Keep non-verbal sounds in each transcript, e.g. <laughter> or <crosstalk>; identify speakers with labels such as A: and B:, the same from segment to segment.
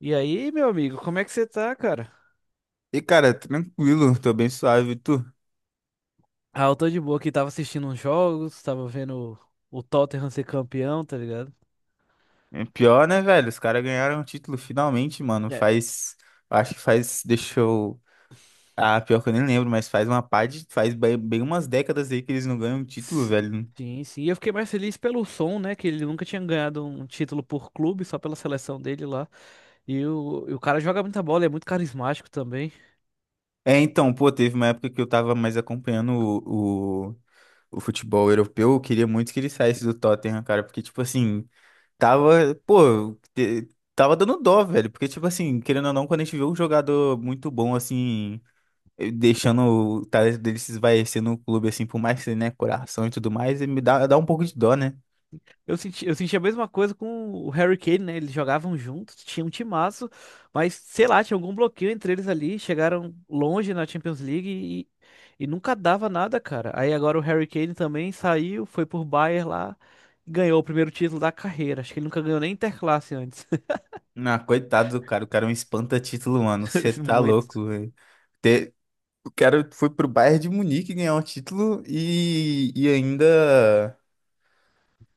A: E aí, meu amigo, como é que você tá, cara?
B: E, cara, tranquilo, tô bem suave. E tu?
A: Ah, eu tô de boa aqui, tava assistindo uns jogos, tava vendo o Tottenham ser campeão, tá ligado?
B: É pior, né, velho? Os caras ganharam o título finalmente, mano.
A: É.
B: Faz. Acho que faz. Deixou. Ah, pior que eu nem lembro, mas faz uma pá de. Faz bem, bem umas décadas aí que eles não ganham o título,
A: s-
B: velho.
A: Sim, sim. E eu fiquei mais feliz pelo som, né? Que ele nunca tinha ganhado um título por clube, só pela seleção dele lá. E o cara joga muita bola, é muito carismático também.
B: É, então, pô, teve uma época que eu tava mais acompanhando o futebol europeu. Eu queria muito que ele saísse do Tottenham, cara, porque, tipo assim, tava. Pô, tava dando dó, velho. Porque, tipo assim, querendo ou não, quando a gente vê um jogador muito bom, assim. Deixando o talento dele se esvaecer no clube, assim, por mais que ele, né, coração e tudo mais, e me dá um pouco de dó, né?
A: Eu senti a mesma coisa com o Harry Kane, né? Eles jogavam juntos, tinha um timaço, mas sei lá, tinha algum bloqueio entre eles ali. Chegaram longe na Champions League e nunca dava nada, cara. Aí agora o Harry Kane também saiu, foi por Bayern lá e ganhou o primeiro título da carreira. Acho que ele nunca ganhou nem Interclasse antes.
B: Ah, coitado do cara, o cara é um espanta-título, mano, você
A: <laughs>
B: tá
A: Muito.
B: louco, velho. Te- O cara foi pro Bayern de Munique ganhar um título e, e ainda,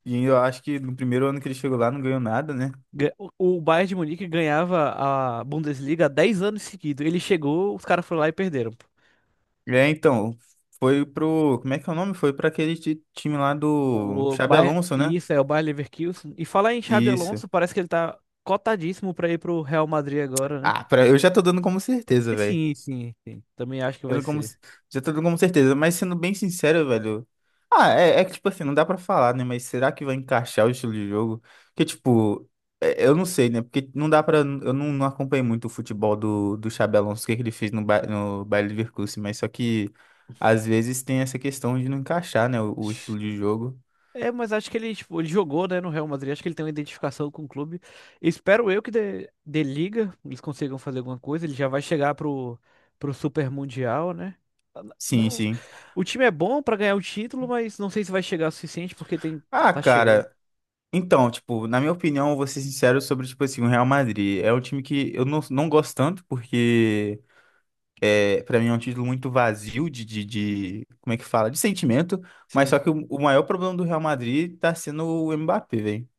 B: e ainda eu acho que no primeiro ano que ele chegou lá não ganhou nada, né?
A: Ga- O o Bayern de Munique ganhava a Bundesliga há 10 anos seguidos. Ele chegou, os caras foram lá e perderam.
B: É, então, foi pro, como é que é o nome? Foi pra aquele time lá do
A: O
B: Xabi
A: Bayer,
B: Alonso, né?
A: isso é o Bayer Leverkusen. E falar em Xabi
B: Isso.
A: Alonso, parece que ele tá cotadíssimo pra ir pro Real Madrid agora, né?
B: Ah, eu já tô dando como certeza,
A: E
B: velho.
A: sim. Também acho que vai
B: Tendo como,
A: ser.
B: já tô com certeza, mas sendo bem sincero, velho. Ah, é que, tipo assim, não dá pra falar, né? Mas será que vai encaixar o estilo de jogo? Porque, tipo, eu não sei, né? Porque não dá pra. Eu não acompanhei muito o futebol do Xabi Alonso, o que, é que ele fez no, no Bayer Leverkusen, mas só que às vezes tem essa questão de não encaixar, né? O estilo de jogo.
A: É, mas acho que ele, tipo, ele jogou, né, no Real Madrid. Acho que ele tem uma identificação com o clube. Espero eu que dê liga, eles consigam fazer alguma coisa. Ele já vai chegar pro Super Mundial, né?
B: Sim,
A: Não,
B: sim.
A: o time é bom pra ganhar o título, mas não sei se vai chegar o suficiente porque tem
B: Ah,
A: tá cheio.
B: cara. Então, tipo, na minha opinião, eu vou ser sincero sobre, tipo assim, o Real Madrid. É um time que eu não gosto tanto, porque. É, para mim é um título muito vazio como é que fala? De sentimento, mas
A: Sim.
B: só que o maior problema do Real Madrid tá sendo o Mbappé, velho.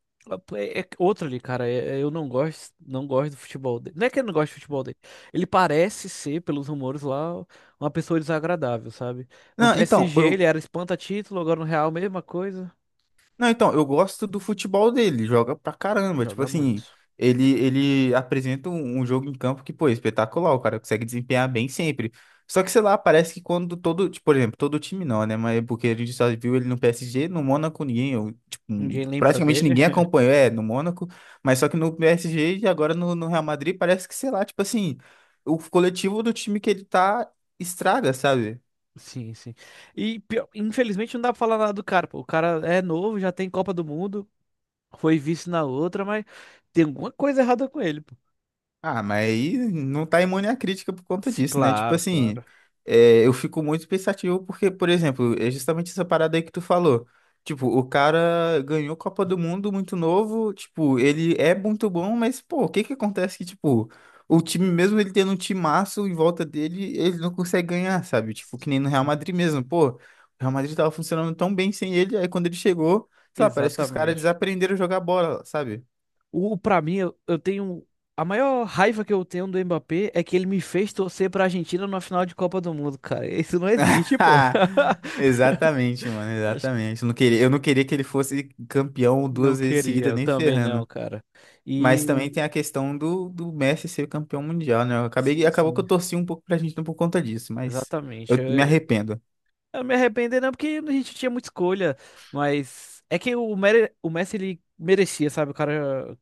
A: É, é outro ali, cara. Eu não gosto, não gosto do futebol dele. Não é que eu não gosto do futebol dele. Ele parece ser, pelos rumores lá, uma pessoa desagradável, sabe? No
B: Não, então,
A: PSG ele
B: eu,
A: era espanta-título, agora no Real mesma coisa.
B: Não, então, eu gosto do futebol dele, joga pra caramba. Tipo
A: Joga muito.
B: assim, ele apresenta um jogo em campo que, pô, é espetacular, o cara consegue desempenhar bem sempre. Só que, sei lá, parece que quando todo, tipo, por exemplo, todo time não, né? Mas porque a gente só viu ele no PSG, no Mônaco ninguém, eu, tipo,
A: Ninguém lembra
B: praticamente
A: dele.
B: ninguém
A: <laughs>
B: acompanhou, é, no Mônaco, mas só que no PSG e agora no Real Madrid parece que, sei lá, tipo assim, o coletivo do time que ele tá estraga, sabe?
A: Sim, sim. Infelizmente não dá pra falar nada do cara, pô. O cara é novo, já tem Copa do Mundo, foi vice na outra, mas tem alguma coisa errada com ele, pô.
B: Ah, mas aí não tá imune à crítica por conta
A: Sim,
B: disso, né? Tipo
A: claro,
B: assim,
A: claro.
B: é, eu fico muito pensativo porque, por exemplo, é justamente essa parada aí que tu falou. Tipo, o cara ganhou Copa do Mundo muito novo, tipo, ele é muito bom, mas, pô, o que que acontece que, tipo, o time, mesmo ele tendo um timaço em volta dele, ele não consegue ganhar, sabe? Tipo, que nem no Real Madrid mesmo, pô, o Real Madrid tava funcionando tão bem sem ele, aí quando ele chegou, sei lá, parece que os caras
A: Exatamente.
B: desaprenderam a jogar bola, sabe?
A: O, para mim, eu tenho. A maior raiva que eu tenho do Mbappé é que ele me fez torcer pra Argentina na final de Copa do Mundo, cara. Isso não existe, pô.
B: <laughs>
A: <laughs>
B: Exatamente, mano, exatamente. Eu não queria que ele fosse campeão
A: Não
B: duas vezes
A: queria,
B: seguida,
A: eu
B: nem
A: também não,
B: ferrando.
A: cara.
B: Mas também
A: E.
B: tem a questão do Messi ser campeão mundial, né?
A: Sim,
B: Acabou que
A: sim.
B: eu torci um pouco pra gente por conta disso, mas
A: Exatamente.
B: eu me arrependo.
A: Eu me arrependo, não, porque a gente tinha muita escolha. Mas é que o Messi, ele merecia, sabe? O cara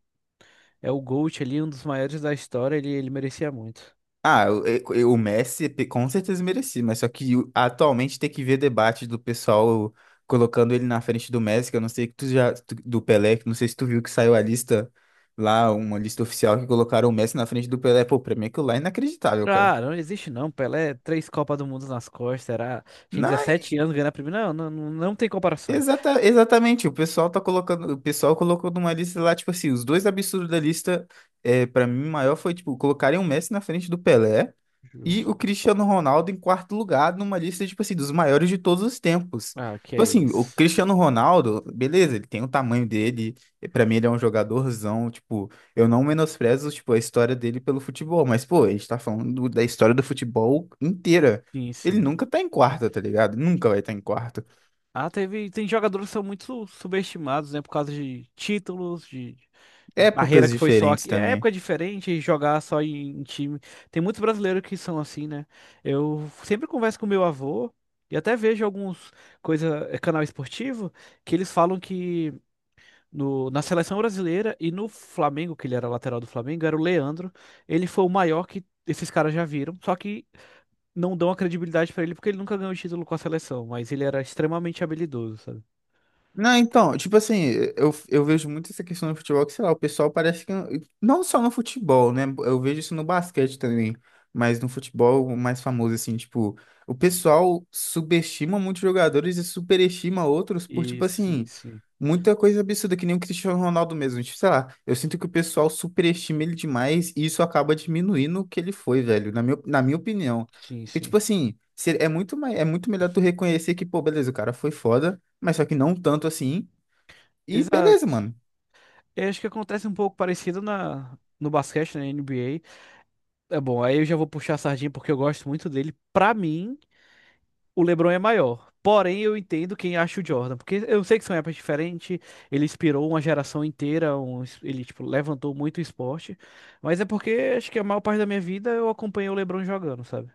A: é o GOAT ali, um dos maiores da história. Ele merecia muito.
B: Ah, o Messi com certeza merecia, mas só que atualmente tem que ver debate do pessoal colocando ele na frente do Messi, que eu não sei que tu já do Pelé, que não sei se tu viu que saiu a lista lá, uma lista oficial que colocaram o Messi na frente do Pelé. Pô, pra mim aquilo lá é inacreditável, cara.
A: Ah, não existe não, Pelé, três Copas do Mundo nas costas, era tinha
B: Não,
A: 17 anos ganhando a primeira, não tem comparação.
B: Exatamente, o pessoal colocou numa lista lá, tipo assim, os dois absurdos da lista, é, para mim, maior foi, tipo, colocarem o Messi na frente do Pelé e
A: Justo.
B: o Cristiano Ronaldo em quarto lugar numa lista, tipo assim, dos maiores de todos os tempos.
A: Ah, que
B: Tipo
A: é
B: assim, o
A: isso.
B: Cristiano Ronaldo, beleza, ele tem o tamanho dele, e pra mim ele é um jogadorzão, tipo, eu não menosprezo, tipo, a história dele pelo futebol, mas, pô, a gente tá falando da história do futebol inteira.
A: Sim,
B: Ele
A: sim.
B: nunca tá em quarto, tá ligado? Nunca vai estar em quarto.
A: Ah, teve, tem jogadores que são muito subestimados, né, por causa de títulos, de carreira
B: Épocas
A: que foi só
B: diferentes
A: aqui, é
B: também.
A: época diferente, jogar só em, em time. Tem muitos brasileiros que são assim, né? Eu sempre converso com meu avô e até vejo alguns coisa, é, canal esportivo, que eles falam que na seleção brasileira e no Flamengo, que ele era lateral do Flamengo, era o Leandro. Ele foi o maior que esses caras já viram, só que não dão a credibilidade pra ele porque ele nunca ganhou título com a seleção, mas ele era extremamente habilidoso, sabe?
B: Não, então, tipo assim, eu vejo muito essa questão no futebol, que sei lá, o pessoal parece que. Não só no futebol, né? Eu vejo isso no basquete também, mas no futebol o mais famoso, assim, tipo, o pessoal subestima muitos jogadores e superestima outros por,
A: E
B: tipo
A: sim,
B: assim,
A: sim.
B: muita coisa absurda, que nem o Cristiano Ronaldo mesmo. Tipo, sei lá, eu sinto que o pessoal superestima ele demais e isso acaba diminuindo o que ele foi, velho, na minha opinião.
A: Sim,
B: Porque,
A: sim.
B: tipo assim, é muito melhor tu reconhecer que, pô, beleza, o cara foi foda mas só que não tanto assim. E beleza,
A: Exato.
B: mano.
A: Eu acho que acontece um pouco parecido na no basquete, na NBA. É bom, aí eu já vou puxar a sardinha porque eu gosto muito dele. Pra mim, o LeBron é maior. Porém, eu entendo quem acha o Jordan, porque eu sei que são épocas diferentes, ele inspirou uma geração inteira, ele tipo levantou muito o esporte, mas é porque acho que a maior parte da minha vida eu acompanhei o LeBron jogando, sabe?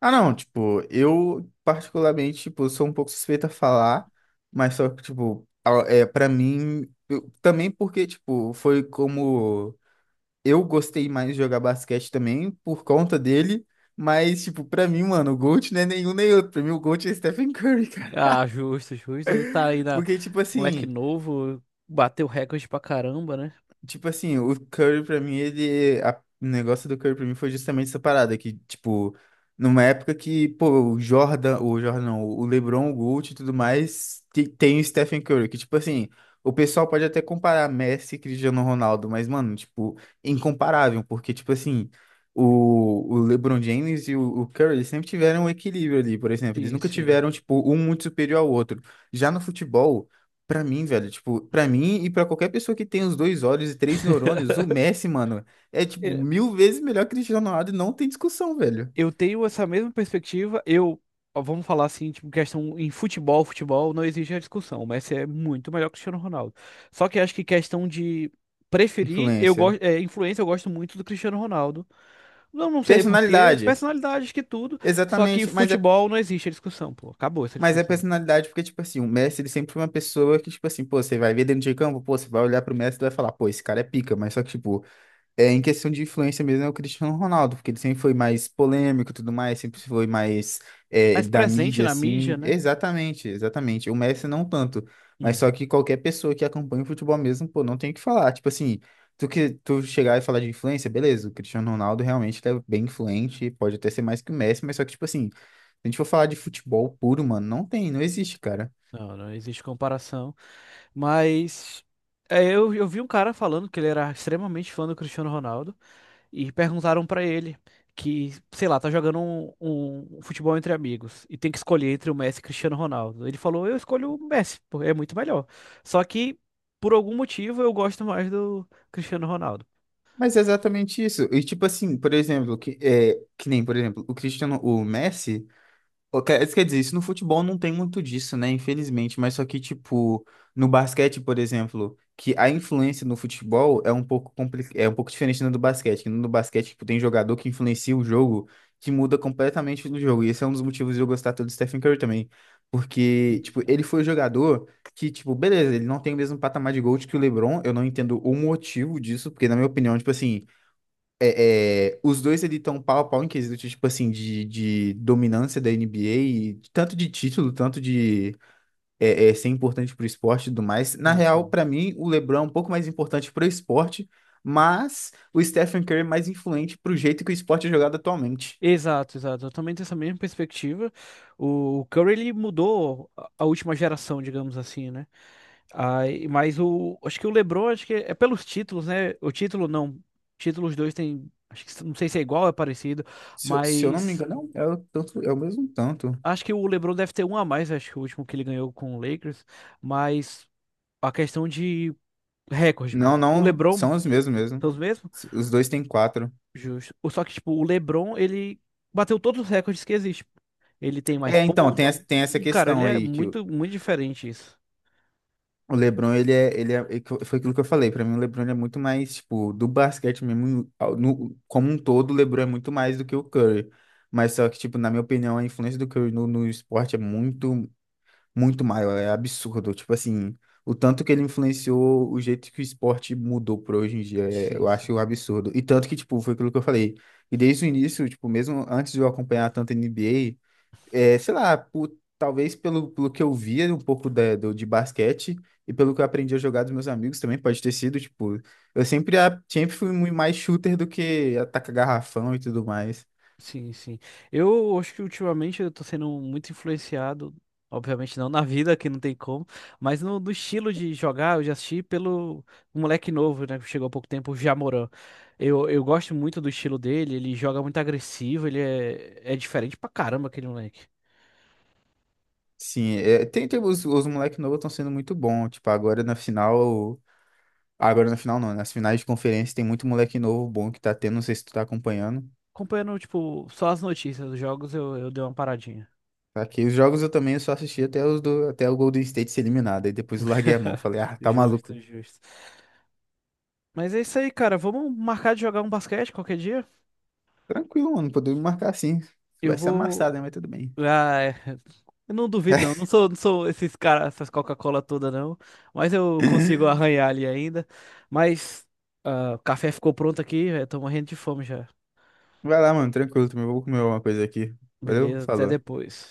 B: Ah, não, tipo, eu particularmente, tipo, sou um pouco suspeito a falar, mas só que, tipo, é, pra mim, também porque, tipo, foi como eu gostei mais de jogar basquete também, por conta dele, mas, tipo, pra mim, mano, o GOAT não é nenhum nem outro, pra mim o GOAT é Stephen Curry, <laughs> cara.
A: Ah, justo, justo. Tá aí na
B: Porque, tipo
A: moleque
B: assim,
A: novo, bateu recorde pra caramba, né?
B: O Curry pra mim, ele. O negócio do Curry pra mim foi justamente essa parada, que, tipo, numa época que, pô, o Jordan, não, o LeBron, o Gold e tudo mais, tem o Stephen Curry, que, tipo assim, o pessoal pode até comparar Messi e Cristiano Ronaldo, mas, mano, tipo, incomparável, porque, tipo assim, o LeBron James e o Curry eles sempre tiveram um equilíbrio ali, por exemplo, eles
A: Sim,
B: nunca
A: sim.
B: tiveram, tipo, um muito superior ao outro. Já no futebol. Pra mim, velho, tipo, pra mim e pra qualquer pessoa que tem os dois olhos e três neurônios, o Messi, mano, é tipo mil vezes melhor que o Cristiano Ronaldo e não tem discussão, velho.
A: Eu tenho essa mesma perspectiva. Ó, vamos falar assim, tipo, questão em futebol, futebol não exige a discussão. O Messi é muito melhor que o Cristiano Ronaldo. Só que acho que questão de preferir, eu
B: Influência.
A: gosto, é, influência, eu gosto muito do Cristiano Ronaldo. Não, não sei por quê,
B: Personalidade.
A: personalidade acho que tudo. Só que
B: Exatamente, mas é,
A: futebol não existe a discussão, pô. Acabou essa
B: mas é
A: discussão.
B: personalidade porque, tipo assim, o Messi, ele sempre foi uma pessoa que, tipo assim, pô, você vai ver dentro de campo, pô, você vai olhar pro Messi e vai falar, pô, esse cara é pica, mas só que, tipo, É, em questão de influência mesmo é o Cristiano Ronaldo, porque ele sempre foi mais polêmico e tudo mais, sempre foi mais é,
A: Mais
B: da
A: presente
B: mídia,
A: na mídia,
B: assim.
A: né?
B: Exatamente, exatamente. O Messi não tanto, mas
A: Uhum.
B: só que qualquer pessoa que acompanha o futebol mesmo, pô, não tem o que falar. Tipo assim, tu que tu chegar e falar de influência, beleza, o Cristiano Ronaldo realmente ele é bem influente, pode até ser mais que o Messi, mas só que, tipo assim, se a gente for falar de futebol puro, mano, não tem, não existe, cara.
A: Não, não existe comparação. Mas é, eu vi um cara falando que ele era extremamente fã do Cristiano Ronaldo. E perguntaram pra ele que, sei lá, tá jogando um futebol entre amigos e tem que escolher entre o Messi e Cristiano Ronaldo. Ele falou: eu escolho o Messi, porque é muito melhor. Só que, por algum motivo, eu gosto mais do Cristiano Ronaldo.
B: Mas é exatamente isso. E tipo assim, por exemplo, que, é, que nem, por exemplo, o Cristiano, o Messi. Pô, Isso quer dizer, isso no futebol não tem muito disso, né? Infelizmente, mas só que, tipo, no basquete, por exemplo, que a influência no futebol é um pouco é um pouco diferente da do basquete, que no basquete, tipo, tem jogador que influencia o jogo, que muda completamente o jogo. E esse é um dos motivos de eu gostar tanto do Stephen Curry também, porque, tipo, ele foi o jogador que, tipo, beleza, ele não tem o mesmo patamar de GOAT que o LeBron, eu não entendo o motivo disso, porque na minha opinião, tipo assim, os dois ali estão pau a pau em quesito, tipo assim, de dominância da NBA, e tanto de título, tanto de ser importante pro esporte e tudo mais. Na
A: Sim,
B: real,
A: sim.
B: pra mim, o LeBron é um pouco mais importante pro esporte, mas o Stephen Curry é mais influente pro jeito que o esporte é jogado atualmente.
A: Exato, exato. Eu também tenho essa mesma perspectiva. O Curry ele mudou a última geração, digamos assim, né? Aí, mas o, acho que o LeBron, acho que é pelos títulos, né? O título não, títulos dois tem, acho que não sei se é igual, é parecido,
B: Se eu não me
A: mas
B: engano, é é o mesmo tanto.
A: acho que o LeBron deve ter um a mais, acho que o último que ele ganhou com o Lakers, mas a questão de recorde,
B: Não,
A: pô, o
B: não,
A: LeBron
B: são os mesmos
A: são
B: mesmo.
A: os mesmos?
B: Os dois têm quatro.
A: Justo. Só que tipo, o LeBron, ele bateu todos os recordes que existem. Ele tem mais
B: É, então,
A: pontos,
B: tem essa
A: tudo, cara, ele
B: questão
A: é
B: aí, que
A: muito muito diferente isso.
B: O LeBron, é que foi aquilo que eu falei, pra mim o LeBron ele é muito mais, tipo, do basquete mesmo, como um todo, o LeBron é muito mais do que o Curry. Mas só que, tipo, na minha opinião, a influência do Curry no esporte é muito, muito maior, é absurdo. Tipo assim, o tanto que ele influenciou, o jeito que o esporte mudou pra hoje em dia,
A: Sim,
B: eu
A: sim.
B: acho um absurdo. E tanto que, tipo, foi aquilo que eu falei, e desde o início, tipo, mesmo antes de eu acompanhar tanto a NBA, é, sei lá, talvez pelo que eu via um pouco do, de basquete e pelo que eu aprendi a jogar dos meus amigos também, pode ter sido, tipo, eu sempre, sempre fui muito mais shooter do que atacar garrafão e tudo mais.
A: Sim, sim. Eu acho que ultimamente eu tô sendo muito influenciado, obviamente não na vida, que não tem como, mas no estilo de jogar, eu já assisti pelo um moleque novo, né, que chegou há pouco tempo, o Jamoran. Eu gosto muito do estilo dele, ele joga muito agressivo, ele é, é diferente pra caramba aquele moleque.
B: Sim, é, tem os moleques novos estão sendo muito bons, tipo, agora na final não, nas finais de conferência tem muito moleque novo bom que tá tendo, não sei se tu tá acompanhando.
A: Acompanhando, tipo, só as notícias dos jogos, eu dei uma paradinha.
B: Aqui, os jogos eu também só assisti até os do, até o Golden State ser eliminado, aí depois eu larguei a mão,
A: <laughs>
B: falei, ah, tá
A: Justo,
B: maluco.
A: justo. Mas é isso aí, cara. Vamos marcar de jogar um basquete qualquer dia?
B: Tranquilo, mano. Podemos marcar sim.
A: Eu
B: Vai ser
A: vou.
B: amassado, né? Mas tudo bem.
A: Ah, é. Eu não duvido, não. Não sou, não sou esses caras, essas Coca-Cola toda, não. Mas eu consigo
B: <laughs>
A: arranhar ali ainda. Mas ah, o café ficou pronto aqui, eu tô morrendo de fome já.
B: Vai lá, mano. Tranquilo também. Vou comer alguma coisa aqui. Valeu?
A: Beleza, até
B: Falou.
A: depois.